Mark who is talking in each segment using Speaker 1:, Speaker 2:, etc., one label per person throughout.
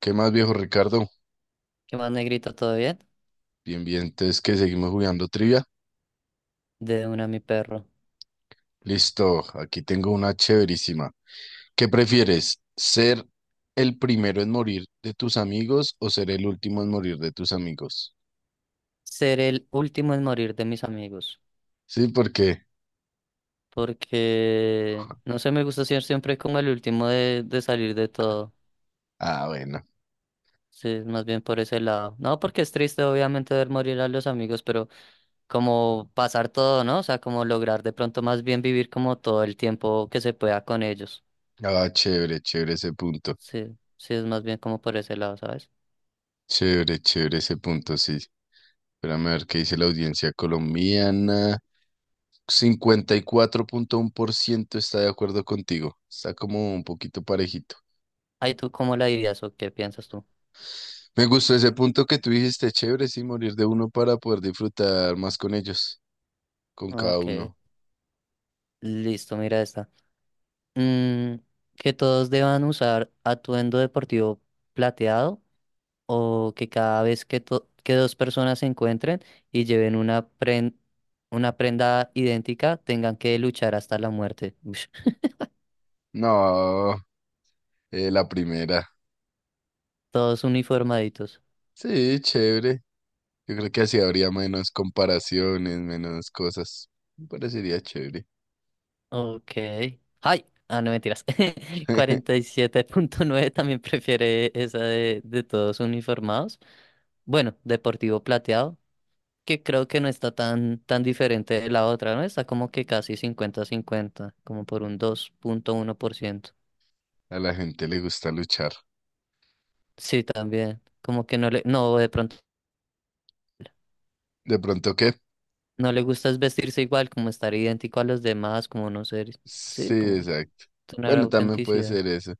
Speaker 1: ¿Qué más, viejo Ricardo?
Speaker 2: ¿Qué más, negrito? ¿Todo bien?
Speaker 1: Bien, bien, entonces que seguimos jugando trivia.
Speaker 2: De una, mi perro.
Speaker 1: Listo, aquí tengo una chéverísima. ¿Qué prefieres? ¿Ser el primero en morir de tus amigos o ser el último en morir de tus amigos?
Speaker 2: Ser el último en morir de mis amigos.
Speaker 1: Sí, porque.
Speaker 2: Porque, no sé, me gusta ser siempre como el último de salir de todo.
Speaker 1: Ah, bueno.
Speaker 2: Sí, más bien por ese lado. No, porque es triste, obviamente, ver morir a los amigos, pero como pasar todo, ¿no? O sea, como lograr de pronto más bien vivir como todo el tiempo que se pueda con ellos.
Speaker 1: Ah, chévere, chévere ese punto.
Speaker 2: Sí, sí, es más bien como por ese lado, ¿sabes?
Speaker 1: Chévere, chévere ese punto, sí. Espérame a ver qué dice la audiencia colombiana. 54,1% está de acuerdo contigo. Está como un poquito parejito.
Speaker 2: Ay, ¿tú cómo la dirías o qué piensas tú?
Speaker 1: Me gustó ese punto que tú dijiste, chévere, sí, morir de uno para poder disfrutar más con ellos, con cada
Speaker 2: Ok,
Speaker 1: uno.
Speaker 2: listo, mira esta. Mm, que todos deban usar atuendo deportivo plateado o que cada vez que, que dos personas se encuentren y lleven una, una prenda idéntica tengan que luchar hasta la muerte. Ush,
Speaker 1: No, la primera.
Speaker 2: todos uniformaditos.
Speaker 1: Sí, chévere. Yo creo que así habría menos comparaciones, menos cosas. Me parecería chévere.
Speaker 2: Ok. ¡Ay! Ah, no mentiras. 47.9 también prefiere esa de todos uniformados. Bueno, deportivo plateado, que creo que no está tan diferente de la otra, ¿no? Está como que casi cincuenta cincuenta como por un 2,1%.
Speaker 1: A la gente le gusta luchar.
Speaker 2: Sí, también. Como que no no, de pronto
Speaker 1: ¿De pronto qué?
Speaker 2: no le gusta es vestirse igual, como estar idéntico a los demás, como no ser,
Speaker 1: Sí,
Speaker 2: sí, como
Speaker 1: exacto.
Speaker 2: tener
Speaker 1: Bueno, también puede
Speaker 2: autenticidad.
Speaker 1: ser eso.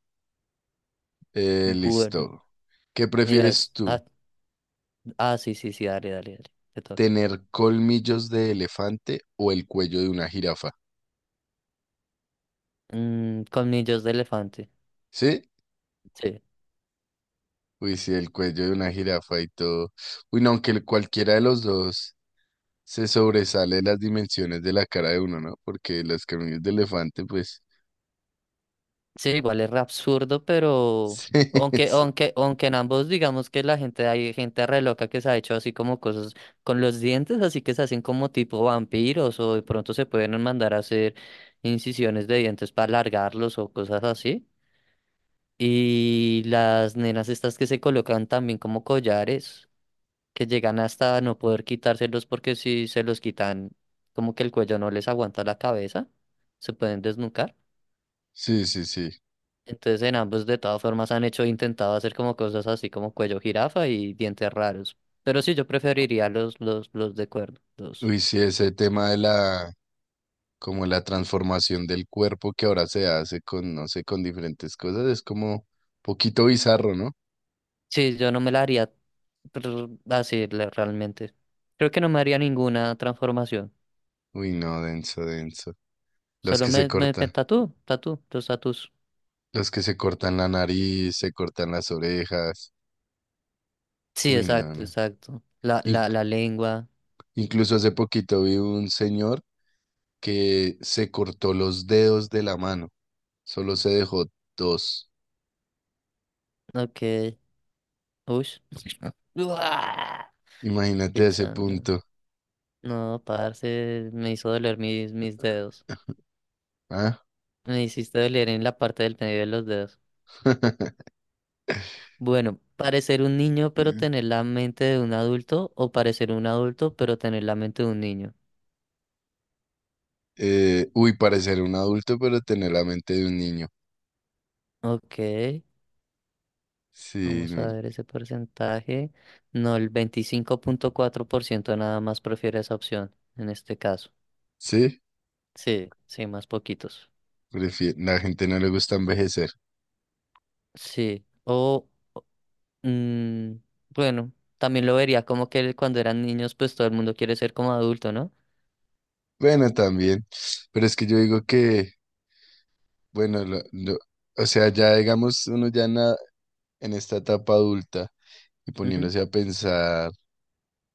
Speaker 2: Bueno,
Speaker 1: Listo. ¿Qué
Speaker 2: mira,
Speaker 1: prefieres tú?
Speaker 2: sí, sí, sí, dale, dale, dale, te toca.
Speaker 1: ¿Tener colmillos de elefante o el cuello de una jirafa?
Speaker 2: Colmillos de elefante,
Speaker 1: ¿Sí?
Speaker 2: sí.
Speaker 1: Uy, sí, el cuello de una jirafa y todo. Uy, no, aunque cualquiera de los dos se sobresale las dimensiones de la cara de uno, ¿no? Porque las cráneos de elefante, pues.
Speaker 2: Sí, igual es re absurdo, pero
Speaker 1: Sí,
Speaker 2: aunque,
Speaker 1: es-
Speaker 2: aunque, aunque en ambos digamos que la gente, hay gente re loca que se ha hecho así como cosas con los dientes, así que se hacen como tipo vampiros, o de pronto se pueden mandar a hacer incisiones de dientes para alargarlos o cosas así. Y las nenas estas que se colocan también como collares, que llegan hasta no poder quitárselos porque si se los quitan, como que el cuello no les aguanta la cabeza, se pueden desnucar.
Speaker 1: sí, sí, sí.
Speaker 2: Entonces en ambos de todas formas han hecho, intentado hacer como cosas así como cuello jirafa y dientes raros. Pero sí, yo preferiría los de cuerno. Los...
Speaker 1: Uy, sí, ese tema de la, como la transformación del cuerpo que ahora se hace con, no sé, con diferentes cosas, es como poquito bizarro, ¿no?
Speaker 2: Sí, yo no me la haría realmente. Creo que no me haría ninguna transformación.
Speaker 1: Uy, no, denso, denso. Los
Speaker 2: Solo
Speaker 1: que se
Speaker 2: me
Speaker 1: cortan,
Speaker 2: los tatús.
Speaker 1: los que se cortan la nariz, se cortan las orejas.
Speaker 2: Sí,
Speaker 1: Uy, no,
Speaker 2: exacto,
Speaker 1: no.
Speaker 2: exacto. La lengua.
Speaker 1: Incluso hace poquito vi un señor que se cortó los dedos de la mano, solo se dejó dos.
Speaker 2: Ok. Uy.
Speaker 1: Imagínate
Speaker 2: Qué
Speaker 1: a ese
Speaker 2: chanda.
Speaker 1: punto.
Speaker 2: No, parce, me hizo doler mis dedos.
Speaker 1: ¿Ah?
Speaker 2: Me hiciste doler en la parte del medio de los dedos. Bueno, parecer un niño pero tener la mente de un adulto o parecer un adulto pero tener la mente de un niño.
Speaker 1: Uy, parecer un adulto, pero tener la mente de un niño.
Speaker 2: Ok,
Speaker 1: Sí,
Speaker 2: vamos a ver ese porcentaje. No, el 25,4% nada más prefiere esa opción en este caso.
Speaker 1: sí,
Speaker 2: Sí, sí, más poquitos.
Speaker 1: la gente no le gusta envejecer.
Speaker 2: Sí, o mm, bueno, también lo vería como que cuando eran niños pues todo el mundo quiere ser como adulto, ¿no?
Speaker 1: Bueno, también, pero es que yo digo que, bueno, o sea, ya digamos, uno ya en, en esta etapa adulta y
Speaker 2: Ujú.
Speaker 1: poniéndose a pensar.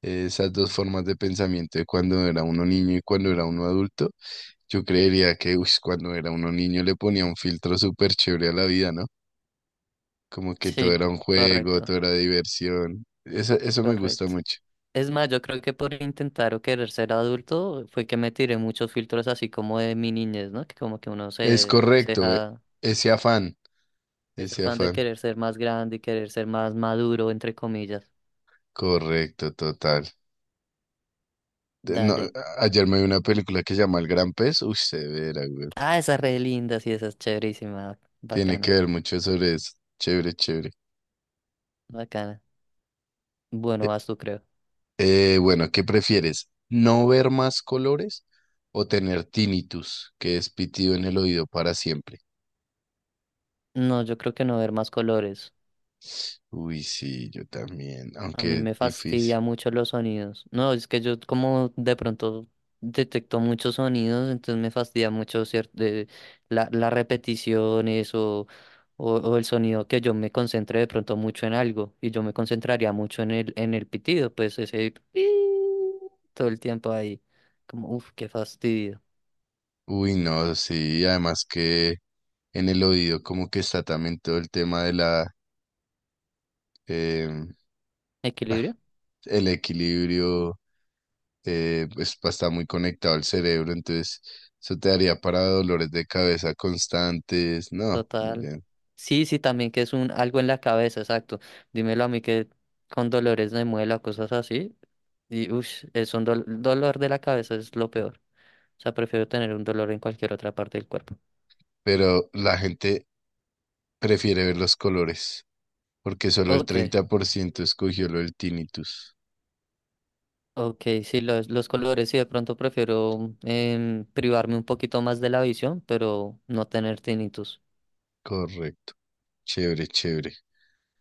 Speaker 1: Esas dos formas de pensamiento de cuando era uno niño y cuando era uno adulto, yo creería que uy, cuando era uno niño le ponía un filtro súper chévere a la vida, ¿no? Como que todo
Speaker 2: Sí,
Speaker 1: era un juego,
Speaker 2: correcto,
Speaker 1: todo era diversión. Eso me gusta
Speaker 2: correcto.
Speaker 1: mucho.
Speaker 2: Es más, yo creo que por intentar o querer ser adulto fue que me tiré muchos filtros así como de mi niñez, ¿no? Que como que uno
Speaker 1: Es
Speaker 2: se
Speaker 1: correcto,
Speaker 2: deja
Speaker 1: ese afán,
Speaker 2: ese
Speaker 1: ese
Speaker 2: afán de
Speaker 1: afán.
Speaker 2: querer ser más grande y querer ser más maduro, entre comillas.
Speaker 1: Correcto, total. No,
Speaker 2: Dale.
Speaker 1: ayer me vi una película que se llama El Gran Pez. Uy, severa, güey.
Speaker 2: Ah, esa es re linda, sí, esa es chéverísima.
Speaker 1: Tiene que
Speaker 2: Bacana,
Speaker 1: ver mucho sobre eso. Chévere, chévere.
Speaker 2: bacana. Bueno, vas tú, creo.
Speaker 1: Bueno, ¿qué prefieres? ¿No ver más colores o tener tinnitus, que es pitido en el oído para siempre?
Speaker 2: No, yo creo que no ver más colores.
Speaker 1: Uy, sí, yo también,
Speaker 2: A mí
Speaker 1: aunque
Speaker 2: me
Speaker 1: difícil.
Speaker 2: fastidia mucho los sonidos. No, es que yo como de pronto detecto muchos sonidos, entonces me fastidia mucho cierto, las repeticiones o el sonido que yo me concentre de pronto mucho en algo y yo me concentraría mucho en en el pitido, pues todo el tiempo ahí, como, uff, qué fastidio.
Speaker 1: Uy, no, sí, además que en el oído como que está también todo el tema de la, em, ah,
Speaker 2: ¿Equilibrio?
Speaker 1: el equilibrio, pues está muy conectado al cerebro, entonces eso te daría para dolores de cabeza constantes, no, muy
Speaker 2: Total.
Speaker 1: bien.
Speaker 2: Sí, sí, también que es un algo en la cabeza, exacto. Dímelo a mí que con dolores de muela, cosas así. Y uff, es un dolor de la cabeza es lo peor. O sea, prefiero tener un dolor en cualquier otra parte del cuerpo.
Speaker 1: Pero la gente prefiere ver los colores, porque solo el
Speaker 2: Ok,
Speaker 1: 30% escogió lo del tinnitus.
Speaker 2: ok, sí, los colores sí, de pronto prefiero privarme un poquito más de la visión, pero no tener tinnitus.
Speaker 1: Correcto. Chévere, chévere.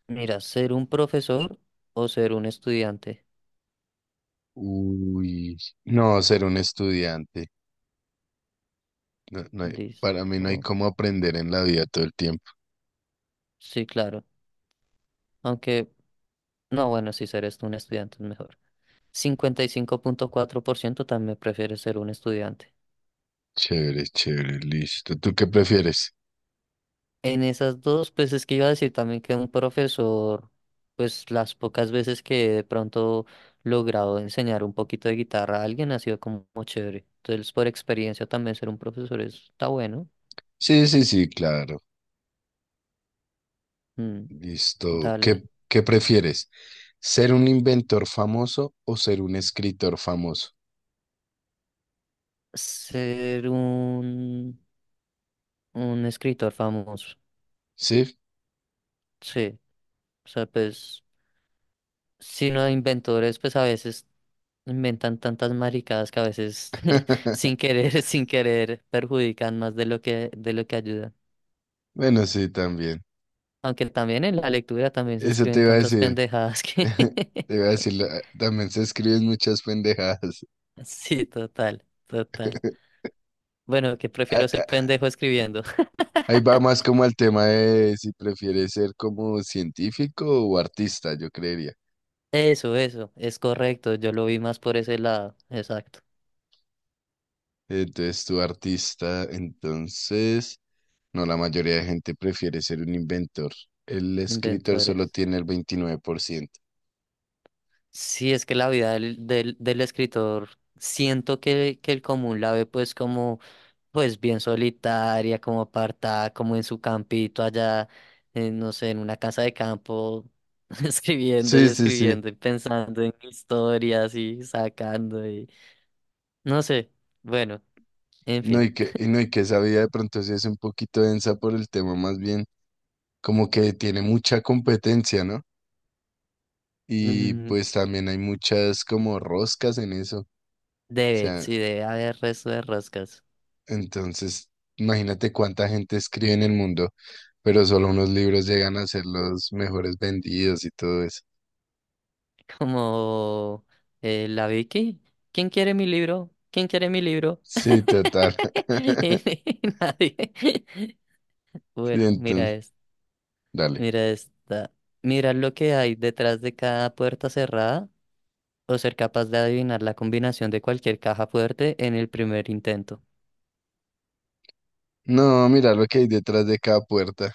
Speaker 2: Mira, ser un profesor o ser un estudiante.
Speaker 1: Uy, no, ser un estudiante. No, para mí no hay
Speaker 2: Listo.
Speaker 1: cómo aprender en la vida todo el tiempo.
Speaker 2: Sí, claro. Aunque, no, bueno, sí, ser esto un estudiante es mejor. 55,4% también prefiere ser un estudiante.
Speaker 1: Chévere, chévere, listo. ¿Tú qué prefieres?
Speaker 2: En esas dos, pues es que iba a decir también que un profesor, pues las pocas veces que de pronto logrado enseñar un poquito de guitarra a alguien ha sido como chévere. Entonces, por experiencia también ser un profesor está bueno.
Speaker 1: Sí, sí, sí, claro.
Speaker 2: Mm,
Speaker 1: Listo. ¿Qué,
Speaker 2: dale.
Speaker 1: qué prefieres? ¿Ser un inventor famoso o ser un escritor famoso?
Speaker 2: Ser un escritor famoso.
Speaker 1: ¿Sí?
Speaker 2: Sí. O sea, pues sino no, inventores, pues a veces inventan tantas maricadas que a veces sin querer, perjudican más de lo que ayudan.
Speaker 1: Bueno, sí, también.
Speaker 2: Aunque también en la lectura también se
Speaker 1: Eso te
Speaker 2: escriben
Speaker 1: iba a
Speaker 2: tantas
Speaker 1: decir.
Speaker 2: pendejadas que...
Speaker 1: Te iba a decir, también se escriben muchas pendejadas.
Speaker 2: Sí, total, total. Bueno, que
Speaker 1: Ahí
Speaker 2: prefiero ser pendejo escribiendo.
Speaker 1: ahí va más como el tema de si prefieres ser como científico o artista, yo creería.
Speaker 2: Es correcto. Yo lo vi más por ese lado. Exacto.
Speaker 1: Entonces, tu artista, entonces, no, la mayoría de gente prefiere ser un inventor. El escritor solo
Speaker 2: Inventores.
Speaker 1: tiene el 29%.
Speaker 2: Sí, es que la vida del escritor, siento que el común la ve pues como... pues bien solitaria, como apartada, como en su campito allá, en, no sé, en una casa de campo, escribiendo y
Speaker 1: Sí, sí, sí.
Speaker 2: escribiendo y pensando en historias y sacando y no sé, bueno, en
Speaker 1: No,
Speaker 2: fin.
Speaker 1: y que, y no, y que esa vida de pronto sí es un poquito densa por el tema, más bien como que tiene mucha competencia, ¿no? Y
Speaker 2: Mm,
Speaker 1: pues también hay muchas como roscas en eso. O
Speaker 2: debe,
Speaker 1: sea,
Speaker 2: sí, debe haber resto de roscas.
Speaker 1: entonces imagínate cuánta gente escribe en el mundo, pero solo unos libros llegan a ser los mejores vendidos y todo eso.
Speaker 2: Como la Vicky, ¿quién quiere mi libro? ¿Quién quiere mi libro?
Speaker 1: Sí, total.
Speaker 2: Nadie.
Speaker 1: Sí,
Speaker 2: Bueno, mira
Speaker 1: entonces,
Speaker 2: esto.
Speaker 1: dale.
Speaker 2: Mira esta. Mira lo que hay detrás de cada puerta cerrada o ser capaz de adivinar la combinación de cualquier caja fuerte en el primer intento.
Speaker 1: No, mira lo que hay detrás de cada puerta.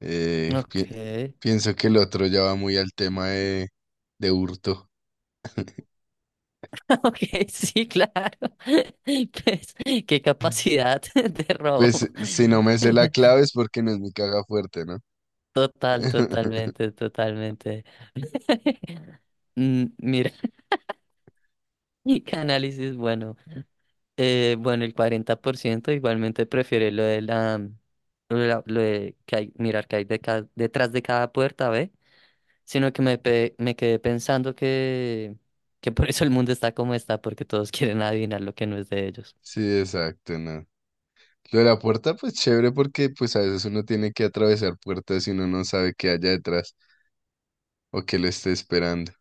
Speaker 1: Eh, pi-
Speaker 2: Ok,
Speaker 1: pienso que el otro ya va muy al tema de, hurto.
Speaker 2: ok, sí, claro. Pues, qué capacidad de robo.
Speaker 1: Pues si no me sé la clave es porque no es mi caja fuerte, ¿no?
Speaker 2: Total, totalmente, totalmente. Mira, y qué análisis, bueno, bueno, el 40% igualmente prefiere lo de lo de que hay, mirar que hay de ca- detrás de cada puerta, ¿ve? Sino que me, pe- me quedé pensando que por eso el mundo está como está, porque todos quieren adivinar lo que no es de ellos.
Speaker 1: Sí, exacto, no. Lo de la puerta, pues chévere porque pues a veces uno tiene que atravesar puertas y uno no sabe qué haya detrás o qué lo esté esperando.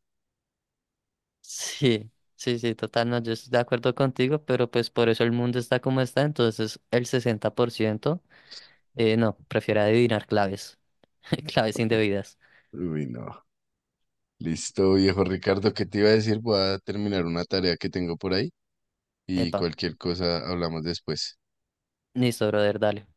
Speaker 2: Sí, sí, sí, total, no, yo estoy de acuerdo contigo, pero pues por eso el mundo está como está, entonces el 60%, no, prefiere adivinar claves, claves indebidas.
Speaker 1: Uy, no. Listo, viejo Ricardo, ¿qué te iba a decir? Voy a terminar una tarea que tengo por ahí y
Speaker 2: Epa,
Speaker 1: cualquier cosa hablamos después.
Speaker 2: listo, brother, dale.